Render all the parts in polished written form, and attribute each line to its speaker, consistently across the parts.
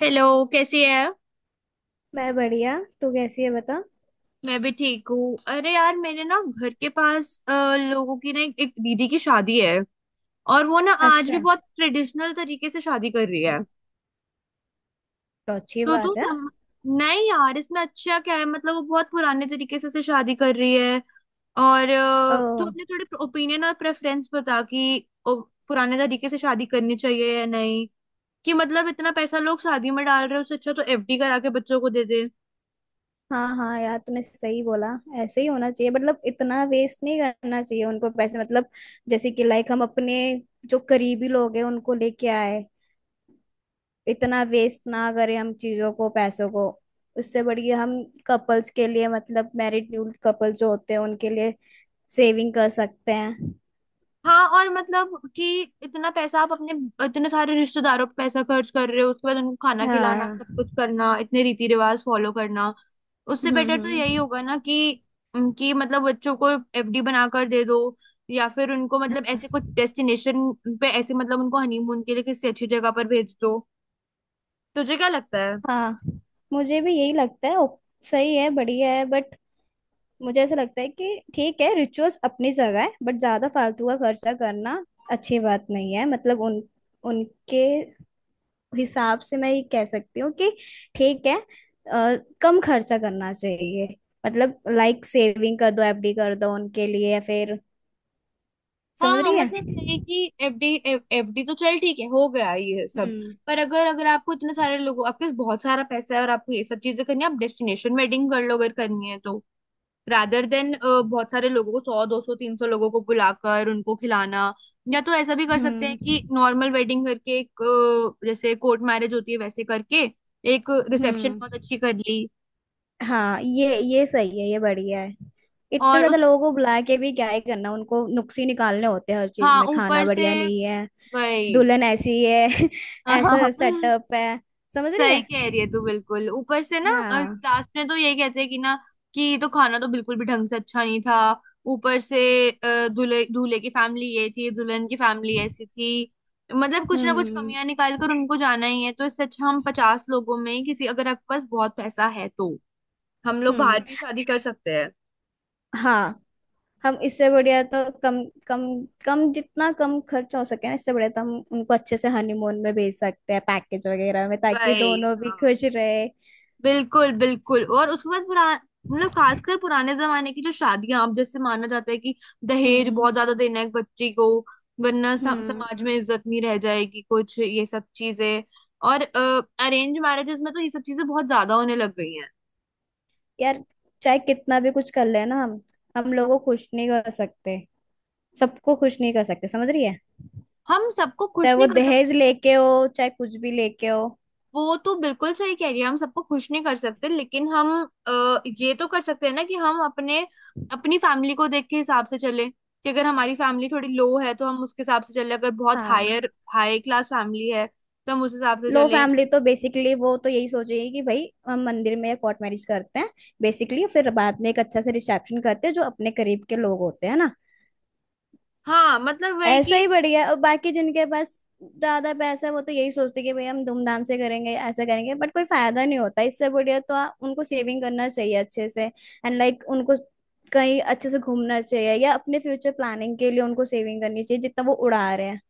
Speaker 1: Hello. कैसी है?
Speaker 2: मैं बढ़िया। तू कैसी है बता।
Speaker 1: मैं भी ठीक हूँ। अरे यार, मेरे ना घर के पास लोगों की ना एक दीदी की शादी है। और वो ना आज
Speaker 2: अच्छा,
Speaker 1: भी बहुत ट्रेडिशनल तरीके से शादी कर रही है।
Speaker 2: तो अच्छी
Speaker 1: तो तू
Speaker 2: बात है।
Speaker 1: सम... नहीं यार, इसमें अच्छा क्या है? मतलब वो बहुत पुराने तरीके से उसे शादी कर रही है। और
Speaker 2: ओ।
Speaker 1: तू अपने थोड़े ओपिनियन और प्रेफरेंस बता कि पुराने तरीके से शादी करनी चाहिए या नहीं। कि मतलब इतना पैसा लोग शादी में डाल रहे हैं, उससे अच्छा तो एफडी करा के बच्चों को दे दे।
Speaker 2: हाँ हाँ यार, तूने सही बोला। ऐसे ही होना चाहिए, मतलब इतना वेस्ट नहीं करना चाहिए उनको पैसे, मतलब जैसे कि लाइक हम अपने जो करीबी लोग हैं उनको लेके आए, इतना वेस्ट ना करें हम चीजों को पैसों को। उससे बढ़िया हम कपल्स के लिए, मतलब मैरिड न्यू कपल जो होते हैं उनके लिए सेविंग कर सकते हैं।
Speaker 1: हाँ, और मतलब कि इतना पैसा आप अपने इतने सारे रिश्तेदारों पे पैसा खर्च कर रहे हो, उसके बाद उनको खाना खिलाना, सब कुछ
Speaker 2: हाँ।
Speaker 1: करना, इतने रीति रिवाज फॉलो करना। उससे
Speaker 2: हम्म,
Speaker 1: बेटर तो यही
Speaker 2: हम्म।
Speaker 1: होगा ना कि मतलब बच्चों को एफडी बनाकर दे दो, या फिर उनको मतलब ऐसे कुछ डेस्टिनेशन पे ऐसे मतलब उनको हनीमून के लिए किसी अच्छी जगह पर भेज दो। तुझे क्या लगता है?
Speaker 2: हाँ, मुझे भी यही लगता है। सही है, बढ़िया है, बट मुझे ऐसा लगता है कि ठीक है, रिचुअल्स अपनी जगह है, बट ज्यादा फालतू का खर्चा करना अच्छी बात नहीं है। मतलब उन उनके हिसाब से मैं ये कह सकती हूँ कि ठीक है, कम खर्चा करना चाहिए। मतलब लाइक सेविंग कर दो, एफडी कर दो उनके लिए, या फिर समझ
Speaker 1: हाँ,
Speaker 2: रही है।
Speaker 1: मतलब नहीं कि एफडी। एफडी तो चल ठीक है, हो गया ये सब।
Speaker 2: हम्म,
Speaker 1: पर अगर अगर आपको इतने सारे लोगों, आपके पास बहुत सारा पैसा है और आपको ये सब चीजें करनी है, आप डेस्टिनेशन वेडिंग कर लो अगर करनी है तो। रादर देन बहुत सारे लोगों को, 100 200 300 लोगों को बुलाकर उनको खिलाना। या तो ऐसा भी कर सकते हैं कि
Speaker 2: हम्म,
Speaker 1: नॉर्मल वेडिंग करके एक जैसे कोर्ट मैरिज होती है वैसे करके एक रिसेप्शन
Speaker 2: हम्म।
Speaker 1: बहुत अच्छी कर ली।
Speaker 2: हाँ, ये सही है, ये बढ़िया है। इतने
Speaker 1: और
Speaker 2: ज्यादा
Speaker 1: उस
Speaker 2: लोगों को बुला के भी क्या ही करना, उनको नुक्स ही निकालने होते हैं हर चीज
Speaker 1: हाँ,
Speaker 2: में, खाना
Speaker 1: ऊपर से
Speaker 2: बढ़िया नहीं है,
Speaker 1: वही।
Speaker 2: दुल्हन ऐसी है ऐसा सेटअप है, समझ रही
Speaker 1: सही
Speaker 2: है।
Speaker 1: कह रही है तू, बिल्कुल। ऊपर से ना
Speaker 2: हाँ।
Speaker 1: लास्ट में तो ये कहते हैं कि ना कि ये तो खाना तो बिल्कुल भी ढंग से अच्छा नहीं था। ऊपर से दूल्हे दूल्हे की फैमिली ये थी, दुल्हन की फैमिली ऐसी थी। मतलब कुछ ना कुछ
Speaker 2: हम्म,
Speaker 1: कमियां निकाल कर उनको जाना ही है, तो इससे अच्छा हम 50 लोगों में ही किसी अगर आपके पास बहुत पैसा है तो हम लोग
Speaker 2: हम्म।
Speaker 1: बाहर भी शादी कर सकते हैं।
Speaker 2: हाँ, हम इससे बढ़िया तो कम कम कम जितना कम खर्च हो सके ना, इससे बढ़िया तो हम उनको अच्छे से हनीमून में भेज सकते हैं, पैकेज वगैरह में, ताकि
Speaker 1: भाई,
Speaker 2: दोनों भी खुश रहे।
Speaker 1: बिल्कुल बिल्कुल। और उसके बाद पुरा मतलब खासकर पुराने जमाने की जो शादियां, अब जैसे माना जाता है कि दहेज
Speaker 2: हम्म,
Speaker 1: बहुत ज्यादा देना है एक बच्ची को, वरना
Speaker 2: हम्म।
Speaker 1: समाज में इज्जत नहीं रह जाएगी, कुछ ये सब चीजें। और अरेंज मैरिजेस में तो ये सब चीजें बहुत ज्यादा होने लग गई हैं।
Speaker 2: यार चाहे कितना भी कुछ कर ले ना, हम लोगों को खुश नहीं कर सकते, सबको खुश नहीं कर सकते, समझ रही है।
Speaker 1: हम सबको
Speaker 2: चाहे
Speaker 1: खुश
Speaker 2: वो
Speaker 1: नहीं कर
Speaker 2: दहेज लेके हो, चाहे कुछ भी लेके हो।
Speaker 1: वो तो बिल्कुल सही कह रही है, हम सबको खुश नहीं कर सकते, लेकिन हम अ, ये तो कर सकते हैं ना कि हम अपने अपनी फैमिली को देख के हिसाब से चले कि अगर हमारी फैमिली थोड़ी लो है तो हम उसके हिसाब से चले, अगर बहुत
Speaker 2: हाँ,
Speaker 1: हायर हाई क्लास फैमिली है तो हम उस हिसाब से
Speaker 2: लो
Speaker 1: चले।
Speaker 2: फैमिली तो बेसिकली वो तो यही सोचेगी कि भाई हम मंदिर में या कोर्ट मैरिज करते हैं। बेसिकली फिर बाद में एक अच्छा से रिसेप्शन करते हैं, जो अपने करीब के लोग होते हैं ना।
Speaker 1: हाँ, मतलब वही
Speaker 2: ऐसा
Speaker 1: कि
Speaker 2: ही बढ़िया है। और बाकी जिनके पास ज्यादा पैसा है वो तो यही सोचते हैं कि भाई हम धूमधाम से करेंगे, ऐसा करेंगे, बट कोई फायदा नहीं होता, इससे बढ़िया तो उनको सेविंग करना चाहिए अच्छे से, एंड लाइक उनको कहीं अच्छे से घूमना चाहिए, या अपने फ्यूचर प्लानिंग के लिए उनको सेविंग करनी चाहिए, जितना वो उड़ा रहे हैं।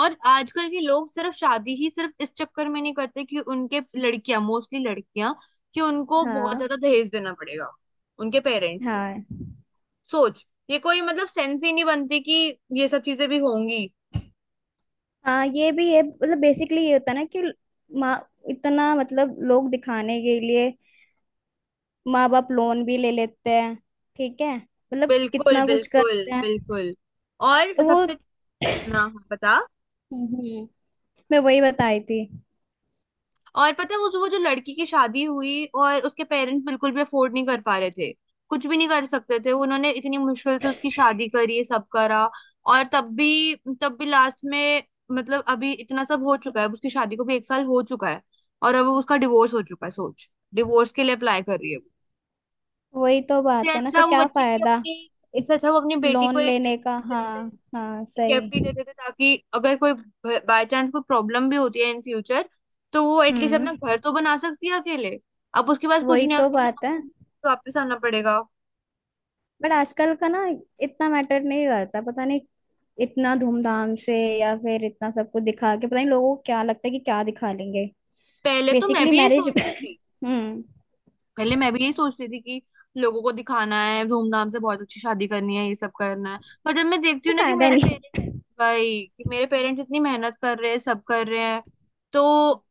Speaker 1: और आजकल के लोग सिर्फ शादी ही सिर्फ इस चक्कर में नहीं करते कि उनके लड़कियां मोस्टली लड़कियां कि उनको बहुत
Speaker 2: हाँ,
Speaker 1: ज्यादा दहेज देना पड़ेगा उनके पेरेंट्स को।
Speaker 2: हाँ,
Speaker 1: सोच, ये कोई मतलब सेंस ही नहीं बनती कि ये सब चीजें भी होंगी।
Speaker 2: हाँ, ये भी है। मतलब बेसिकली ये होता है ना कि माँ इतना, मतलब लोग दिखाने के लिए माँ बाप लोन भी ले लेते हैं। ठीक है, मतलब
Speaker 1: बिल्कुल
Speaker 2: कितना कुछ
Speaker 1: बिल्कुल
Speaker 2: करते हैं।
Speaker 1: बिल्कुल। और
Speaker 2: तो वो,
Speaker 1: सबसे ना हाँ, बता।
Speaker 2: हम्म। मैं वही बताई थी।
Speaker 1: और पता है उस वो जो लड़की की शादी हुई और उसके पेरेंट्स बिल्कुल भी अफोर्ड नहीं कर पा रहे थे, कुछ भी नहीं कर सकते थे, उन्होंने इतनी मुश्किल से उसकी शादी करी, सब करा। और तब भी लास्ट में, मतलब अभी इतना सब हो चुका है, अब उसकी शादी को भी एक साल हो चुका है और अब उसका डिवोर्स हो चुका है। सोच, डिवोर्स के लिए अप्लाई कर रही है वो।
Speaker 2: वही तो
Speaker 1: इससे
Speaker 2: बात है ना,
Speaker 1: अच्छा
Speaker 2: फिर
Speaker 1: वो
Speaker 2: क्या
Speaker 1: बच्चे की
Speaker 2: फायदा
Speaker 1: अपनी इससे
Speaker 2: इत,
Speaker 1: अच्छा वो अपनी बेटी
Speaker 2: लोन
Speaker 1: को एक
Speaker 2: लेने का। हाँ, हाँ, सही।
Speaker 1: सेफ्टी देते थे, ताकि अगर कोई बाय चांस कोई प्रॉब्लम भी होती है इन फ्यूचर, तो वो एटलीस्ट
Speaker 2: हम्म।
Speaker 1: अपना घर तो बना सकती है अकेले। अब उसके पास कुछ
Speaker 2: वही
Speaker 1: नहीं है,
Speaker 2: तो
Speaker 1: उसको अपने
Speaker 2: बात है,
Speaker 1: मम्मी को वापस आना पड़ेगा।
Speaker 2: बट आजकल का ना इतना मैटर नहीं करता, पता नहीं। इतना धूमधाम से या फिर इतना सब कुछ दिखा के पता नहीं लोगों को क्या लगता है कि क्या दिखा लेंगे।
Speaker 1: पहले तो मैं
Speaker 2: बेसिकली
Speaker 1: भी यही
Speaker 2: मैरिज
Speaker 1: सोच रही थी,
Speaker 2: हम्म।
Speaker 1: पहले मैं भी यही सोच रही थी कि लोगों को दिखाना है, धूमधाम से बहुत अच्छी शादी करनी है, ये सब करना है। पर जब मैं देखती
Speaker 2: कोई
Speaker 1: हूँ ना कि
Speaker 2: फायदा
Speaker 1: मेरे
Speaker 2: नहीं
Speaker 1: पेरेंट्स,
Speaker 2: है।
Speaker 1: भाई, कि मेरे पेरेंट्स इतनी मेहनत कर रहे हैं, सब कर रहे हैं, तो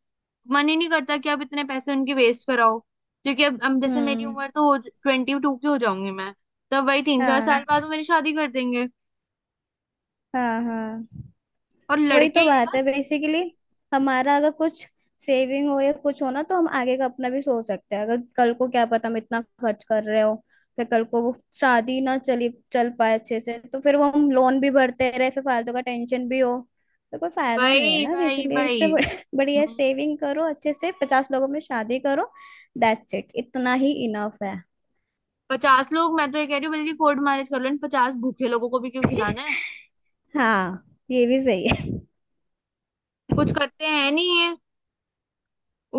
Speaker 1: मन ही नहीं करता कि आप इतने पैसे उनकी वेस्ट कराओ, क्योंकि अब जैसे मेरी
Speaker 2: हम्म।
Speaker 1: उम्र तो हो, 22 की हो जाऊंगी मैं, तब वही 3 4 साल
Speaker 2: हाँ,
Speaker 1: बाद वो मेरी शादी कर देंगे।
Speaker 2: हाँ, हाँ,
Speaker 1: और
Speaker 2: वही
Speaker 1: लड़के
Speaker 2: तो
Speaker 1: ये
Speaker 2: बात है
Speaker 1: बात,
Speaker 2: बेसिकली। हमारा अगर कुछ सेविंग हो या कुछ हो ना, तो हम आगे का अपना भी सोच सकते हैं। अगर कल को क्या पता हम इतना खर्च कर रहे हो, फिर कल को वो शादी ना चली चल पाए अच्छे से, तो फिर वो हम लोन भी भरते रहे, फिर फालतू का टेंशन भी हो। तो कोई फायदा नहीं है
Speaker 1: भाई
Speaker 2: ना
Speaker 1: भाई
Speaker 2: बेसिकली, इससे
Speaker 1: भाई।
Speaker 2: बढ़िया
Speaker 1: हम्म,
Speaker 2: सेविंग करो अच्छे से, 50 लोगों में शादी करो। दैट्स इट, इतना ही इनफ है।
Speaker 1: पचास लोग मैं तो ये कह रही हूँ, बल्कि कोर्ट मैरिज कर लो, इन 50 भूखे लोगों को भी क्यों खिलाना है?
Speaker 2: हाँ, ये भी सही है।
Speaker 1: कुछ करते हैं नहीं ये,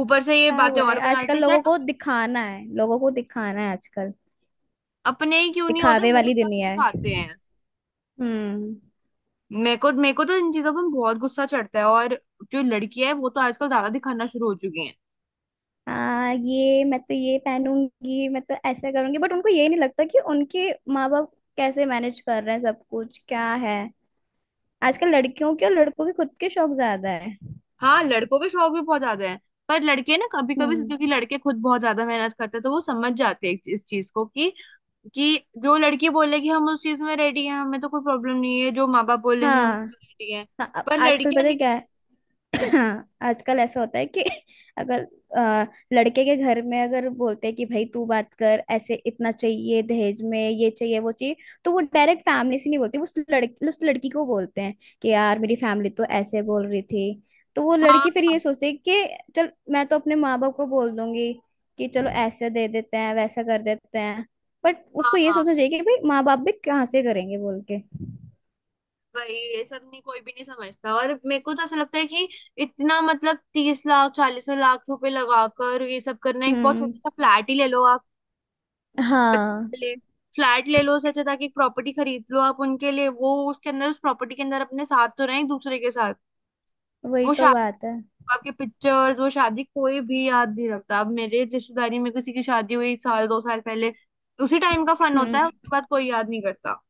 Speaker 1: ऊपर से ये
Speaker 2: क्या
Speaker 1: बातें
Speaker 2: बोले,
Speaker 1: और बना लेते
Speaker 2: आजकल
Speaker 1: हैं,
Speaker 2: लोगों को दिखाना है, लोगों को दिखाना है आजकल।
Speaker 1: अपने ही क्यों नहीं होते
Speaker 2: दिखावे
Speaker 1: वो
Speaker 2: वाली
Speaker 1: सब
Speaker 2: दुनिया है।
Speaker 1: दिखाते हैं।
Speaker 2: हम्म।
Speaker 1: मेरे को तो इन चीजों पर बहुत गुस्सा चढ़ता है। और जो लड़कियां है वो तो आजकल ज्यादा दिखाना शुरू हो चुकी हैं।
Speaker 2: ये मैं तो ये पहनूंगी, मैं तो ऐसा करूंगी, बट उनको ये नहीं लगता कि उनके माँ बाप कैसे मैनेज कर रहे हैं सब कुछ, क्या है। आजकल लड़कियों के और लड़कों के खुद के शौक ज्यादा है।
Speaker 1: हाँ, लड़कों के शौक भी बहुत ज्यादा है। पर लड़के ना कभी कभी,
Speaker 2: हम्म।
Speaker 1: क्योंकि लड़के खुद बहुत ज्यादा मेहनत करते हैं, तो वो समझ जाते हैं इस चीज को कि जो लड़की बोले कि हम उस चीज में रेडी हैं, हमें तो कोई प्रॉब्लम नहीं है, जो माँ बाप बोलेंगे हम
Speaker 2: हाँ,
Speaker 1: उसमें रेडी हैं।
Speaker 2: हाँ, अब
Speaker 1: पर
Speaker 2: आजकल
Speaker 1: लड़कियां
Speaker 2: पता है
Speaker 1: नहीं।
Speaker 2: क्या है। हाँ, आजकल ऐसा होता है कि अगर, अ, लड़के के घर में अगर बोलते हैं कि भाई तू बात कर, ऐसे इतना चाहिए दहेज में, ये चाहिए वो चाहिए। तो वो डायरेक्ट फैमिली से नहीं बोलते, उस लड़की को बोलते हैं कि यार मेरी फैमिली तो ऐसे बोल रही थी। तो वो लड़की फिर ये
Speaker 1: हाँ
Speaker 2: सोचती है कि चल मैं तो अपने माँ बाप को बोल दूंगी कि चलो ऐसे दे देते हैं, वैसा कर देते हैं। बट
Speaker 1: हाँ
Speaker 2: उसको ये
Speaker 1: हाँ।
Speaker 2: सोचना चाहिए कि भाई माँ बाप भी कहाँ से करेंगे, बोल के।
Speaker 1: भाई, ये सब नहीं कोई भी नहीं समझता, और मेरे को तो ऐसा लगता है कि इतना मतलब 30 लाख 40 लाख रुपए लगाकर ये सब करना, एक बहुत
Speaker 2: हम्म।
Speaker 1: छोटा सा फ्लैट ही ले लो।
Speaker 2: हाँ,
Speaker 1: ले, फ्लैट ले लो, उससे अच्छा था कि एक प्रॉपर्टी खरीद लो आप उनके लिए, वो उसके अंदर, उस प्रॉपर्टी के अंदर अपने साथ तो रहें, एक दूसरे के साथ।
Speaker 2: वही
Speaker 1: वो
Speaker 2: तो
Speaker 1: शादी,
Speaker 2: बात है।
Speaker 1: आपके पिक्चर्स, वो शादी कोई भी याद नहीं रखता। अब मेरे रिश्तेदारी में किसी की शादी हुई साल 2 साल पहले, उसी टाइम का फन होता है,
Speaker 2: हम्म।
Speaker 1: उसके बाद कोई याद नहीं करता।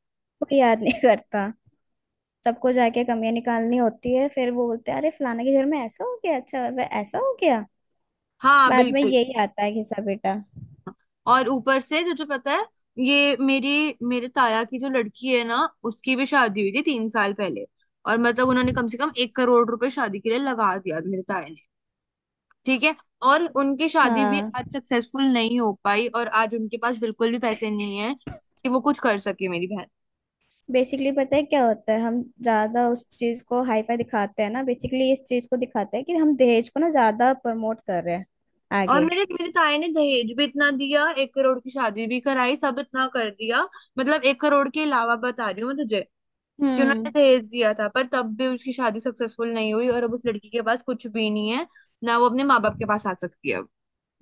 Speaker 2: कोई याद नहीं करता, सबको जाके कमियां निकालनी होती है। फिर वो बोलते हैं, अरे फलाने के घर में ऐसा हो गया, अच्छा वह ऐसा हो गया।
Speaker 1: हाँ,
Speaker 2: बाद में
Speaker 1: बिल्कुल।
Speaker 2: यही आता है घिसा बेटा।
Speaker 1: और ऊपर से तुझे पता है, ये मेरी मेरे ताया की जो लड़की है ना, उसकी भी शादी हुई थी 3 साल पहले। और मतलब उन्होंने कम से कम 1 करोड़ रुपए शादी के लिए लगा दिया मेरे ताया ने, ठीक है? और उनकी शादी भी
Speaker 2: हाँ,
Speaker 1: आज सक्सेसफुल नहीं हो पाई, और आज उनके पास बिल्कुल भी पैसे नहीं है कि वो कुछ कर सके मेरी बहन।
Speaker 2: बेसिकली पता है क्या होता है, हम ज्यादा उस चीज को हाईफाई दिखाते हैं ना। बेसिकली इस चीज को दिखाते हैं कि हम दहेज को ना ज्यादा प्रमोट कर रहे हैं
Speaker 1: और
Speaker 2: आगे।
Speaker 1: मेरे मेरे ताए ने दहेज भी इतना दिया, 1 करोड़ की शादी भी कराई, सब इतना कर दिया, मतलब 1 करोड़ के अलावा बता रही हूँ मैं तुझे कि उन्होंने
Speaker 2: हम्म।
Speaker 1: दहेज दिया था, पर तब भी उसकी शादी सक्सेसफुल नहीं हुई, और अब उस लड़की के पास कुछ भी नहीं है। ना वो अपने माँ बाप के पास आ सकती है, अब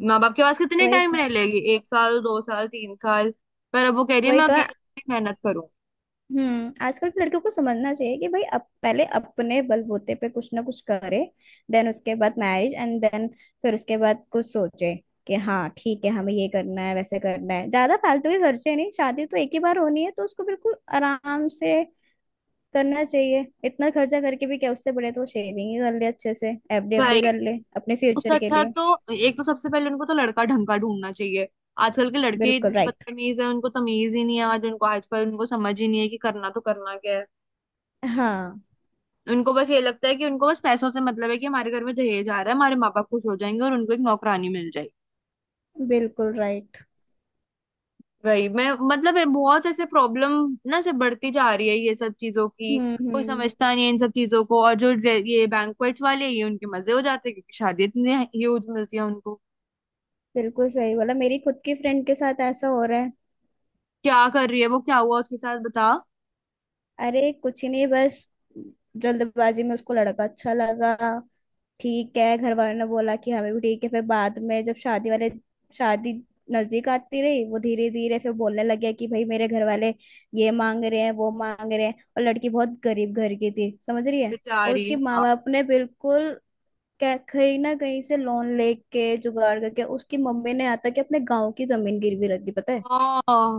Speaker 1: माँ बाप के पास कितने
Speaker 2: वही
Speaker 1: टाइम रह लेगी? 1 साल, 2 साल, 3 साल। पर अब वो कह रही है
Speaker 2: वही
Speaker 1: मैं
Speaker 2: तो है।
Speaker 1: अकेले मेहनत करूँ।
Speaker 2: हम्म। आजकल के लड़कियों को समझना चाहिए कि भाई अब पहले अपने बलबूते पे कुछ ना कुछ करे। देन उसके बाद मैरिज एंड देन, फिर उसके बाद कुछ सोचे कि हाँ ठीक है, हमें ये करना है, वैसे करना है, ज्यादा फालतू के खर्चे नहीं। शादी तो एक ही बार होनी है, तो उसको बिल्कुल आराम से करना चाहिए। इतना खर्चा करके भी क्या, उससे बड़े तो शेविंग ही कर ले अच्छे से, एफडी
Speaker 1: भाई,
Speaker 2: एफडी कर ले अपने
Speaker 1: उससे
Speaker 2: फ्यूचर के
Speaker 1: अच्छा है
Speaker 2: लिए।
Speaker 1: तो एक तो सबसे पहले उनको तो लड़का ढंग का ढूंढना चाहिए। आजकल के लड़के ही
Speaker 2: बिल्कुल
Speaker 1: इतने
Speaker 2: राइट।
Speaker 1: बदतमीज है, उनको तमीज ही नहीं है, आज उनको आजकल उनको समझ ही नहीं है कि करना तो करना क्या है।
Speaker 2: हाँ,
Speaker 1: उनको बस ये लगता है कि उनको बस पैसों से मतलब है कि हमारे घर में दहेज आ रहा है, हमारे माँ बाप खुश हो जाएंगे और उनको एक नौकरानी मिल जाएगी।
Speaker 2: बिल्कुल राइट।
Speaker 1: वही मैं मतलब है, बहुत ऐसे प्रॉब्लम ना से बढ़ती जा रही है ये सब चीजों की।
Speaker 2: हम्म,
Speaker 1: कोई
Speaker 2: हम्म।
Speaker 1: समझता नहीं है इन सब चीजों को, और जो ये बैंक्वेट्स वाले ये उनके मजे हो जाते हैं क्योंकि शादी इतनी ह्यूज मिलती है उनको।
Speaker 2: बिल्कुल सही बोला, मेरी खुद की फ्रेंड के साथ ऐसा हो रहा है।
Speaker 1: क्या कर रही है वो, क्या हुआ उसके साथ बता?
Speaker 2: अरे कुछ ही नहीं, बस जल्दबाजी में उसको लड़का अच्छा लगा, ठीक है। घर वालों ने बोला कि हमें भी ठीक है। फिर बाद में जब शादी नजदीक आती रही, वो धीरे धीरे फिर बोलने लग गया कि भाई मेरे घर वाले ये मांग रहे हैं, वो मांग रहे हैं। और लड़की बहुत गरीब घर की थी, समझ रही है। और
Speaker 1: बेचारी।
Speaker 2: उसके माँ
Speaker 1: हाँ।
Speaker 2: बाप ने बिल्कुल कहीं ना कहीं से लोन लेके जुगाड़ करके, उसकी मम्मी ने आता कि अपने गाँव की जमीन गिरवी रख दी, पता है।
Speaker 1: ओह।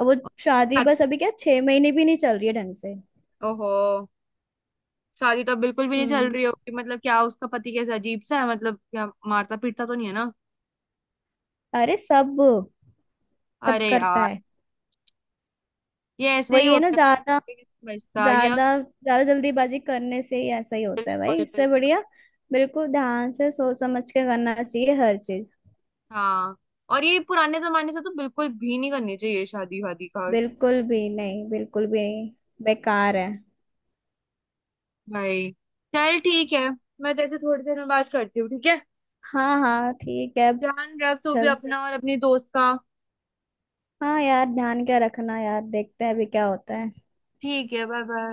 Speaker 2: अब वो शादी बस
Speaker 1: शादी-
Speaker 2: अभी क्या 6 महीने भी नहीं चल रही है ढंग से।
Speaker 1: ओहो, शादी तो बिल्कुल भी नहीं चल
Speaker 2: हम्म।
Speaker 1: रही होगी। मतलब क्या उसका पति कैसा अजीब सा है? मतलब क्या मारता पीटता तो नहीं है ना?
Speaker 2: अरे सब सब
Speaker 1: अरे
Speaker 2: करता
Speaker 1: यार,
Speaker 2: है।
Speaker 1: ये ऐसे
Speaker 2: वो
Speaker 1: ही
Speaker 2: ये ना
Speaker 1: होता है,
Speaker 2: ज्यादा
Speaker 1: ये नहीं समझता ये।
Speaker 2: ज्यादा ज्यादा जल्दीबाजी करने से ही ऐसा ही होता है, भाई।
Speaker 1: बिल्कुल
Speaker 2: इससे
Speaker 1: बिल्कुल।
Speaker 2: बढ़िया बिल्कुल ध्यान से सोच समझ के करना चाहिए हर चीज।
Speaker 1: हाँ, और ये पुराने जमाने से तो बिल्कुल भी नहीं करनी चाहिए शादी वादी का और।
Speaker 2: बिल्कुल भी नहीं, बिल्कुल भी नहीं, बेकार है।
Speaker 1: भाई, चल ठीक है, मैं तेरे से थोड़ी देर में बात करती हूँ, ठीक है?
Speaker 2: हाँ, हाँ ठीक है।
Speaker 1: ध्यान रख तू भी
Speaker 2: चल।
Speaker 1: अपना और अपनी दोस्त का।
Speaker 2: हाँ यार, ध्यान क्या रखना यार, देखते हैं अभी क्या होता है।
Speaker 1: ठीक है, बाय बाय।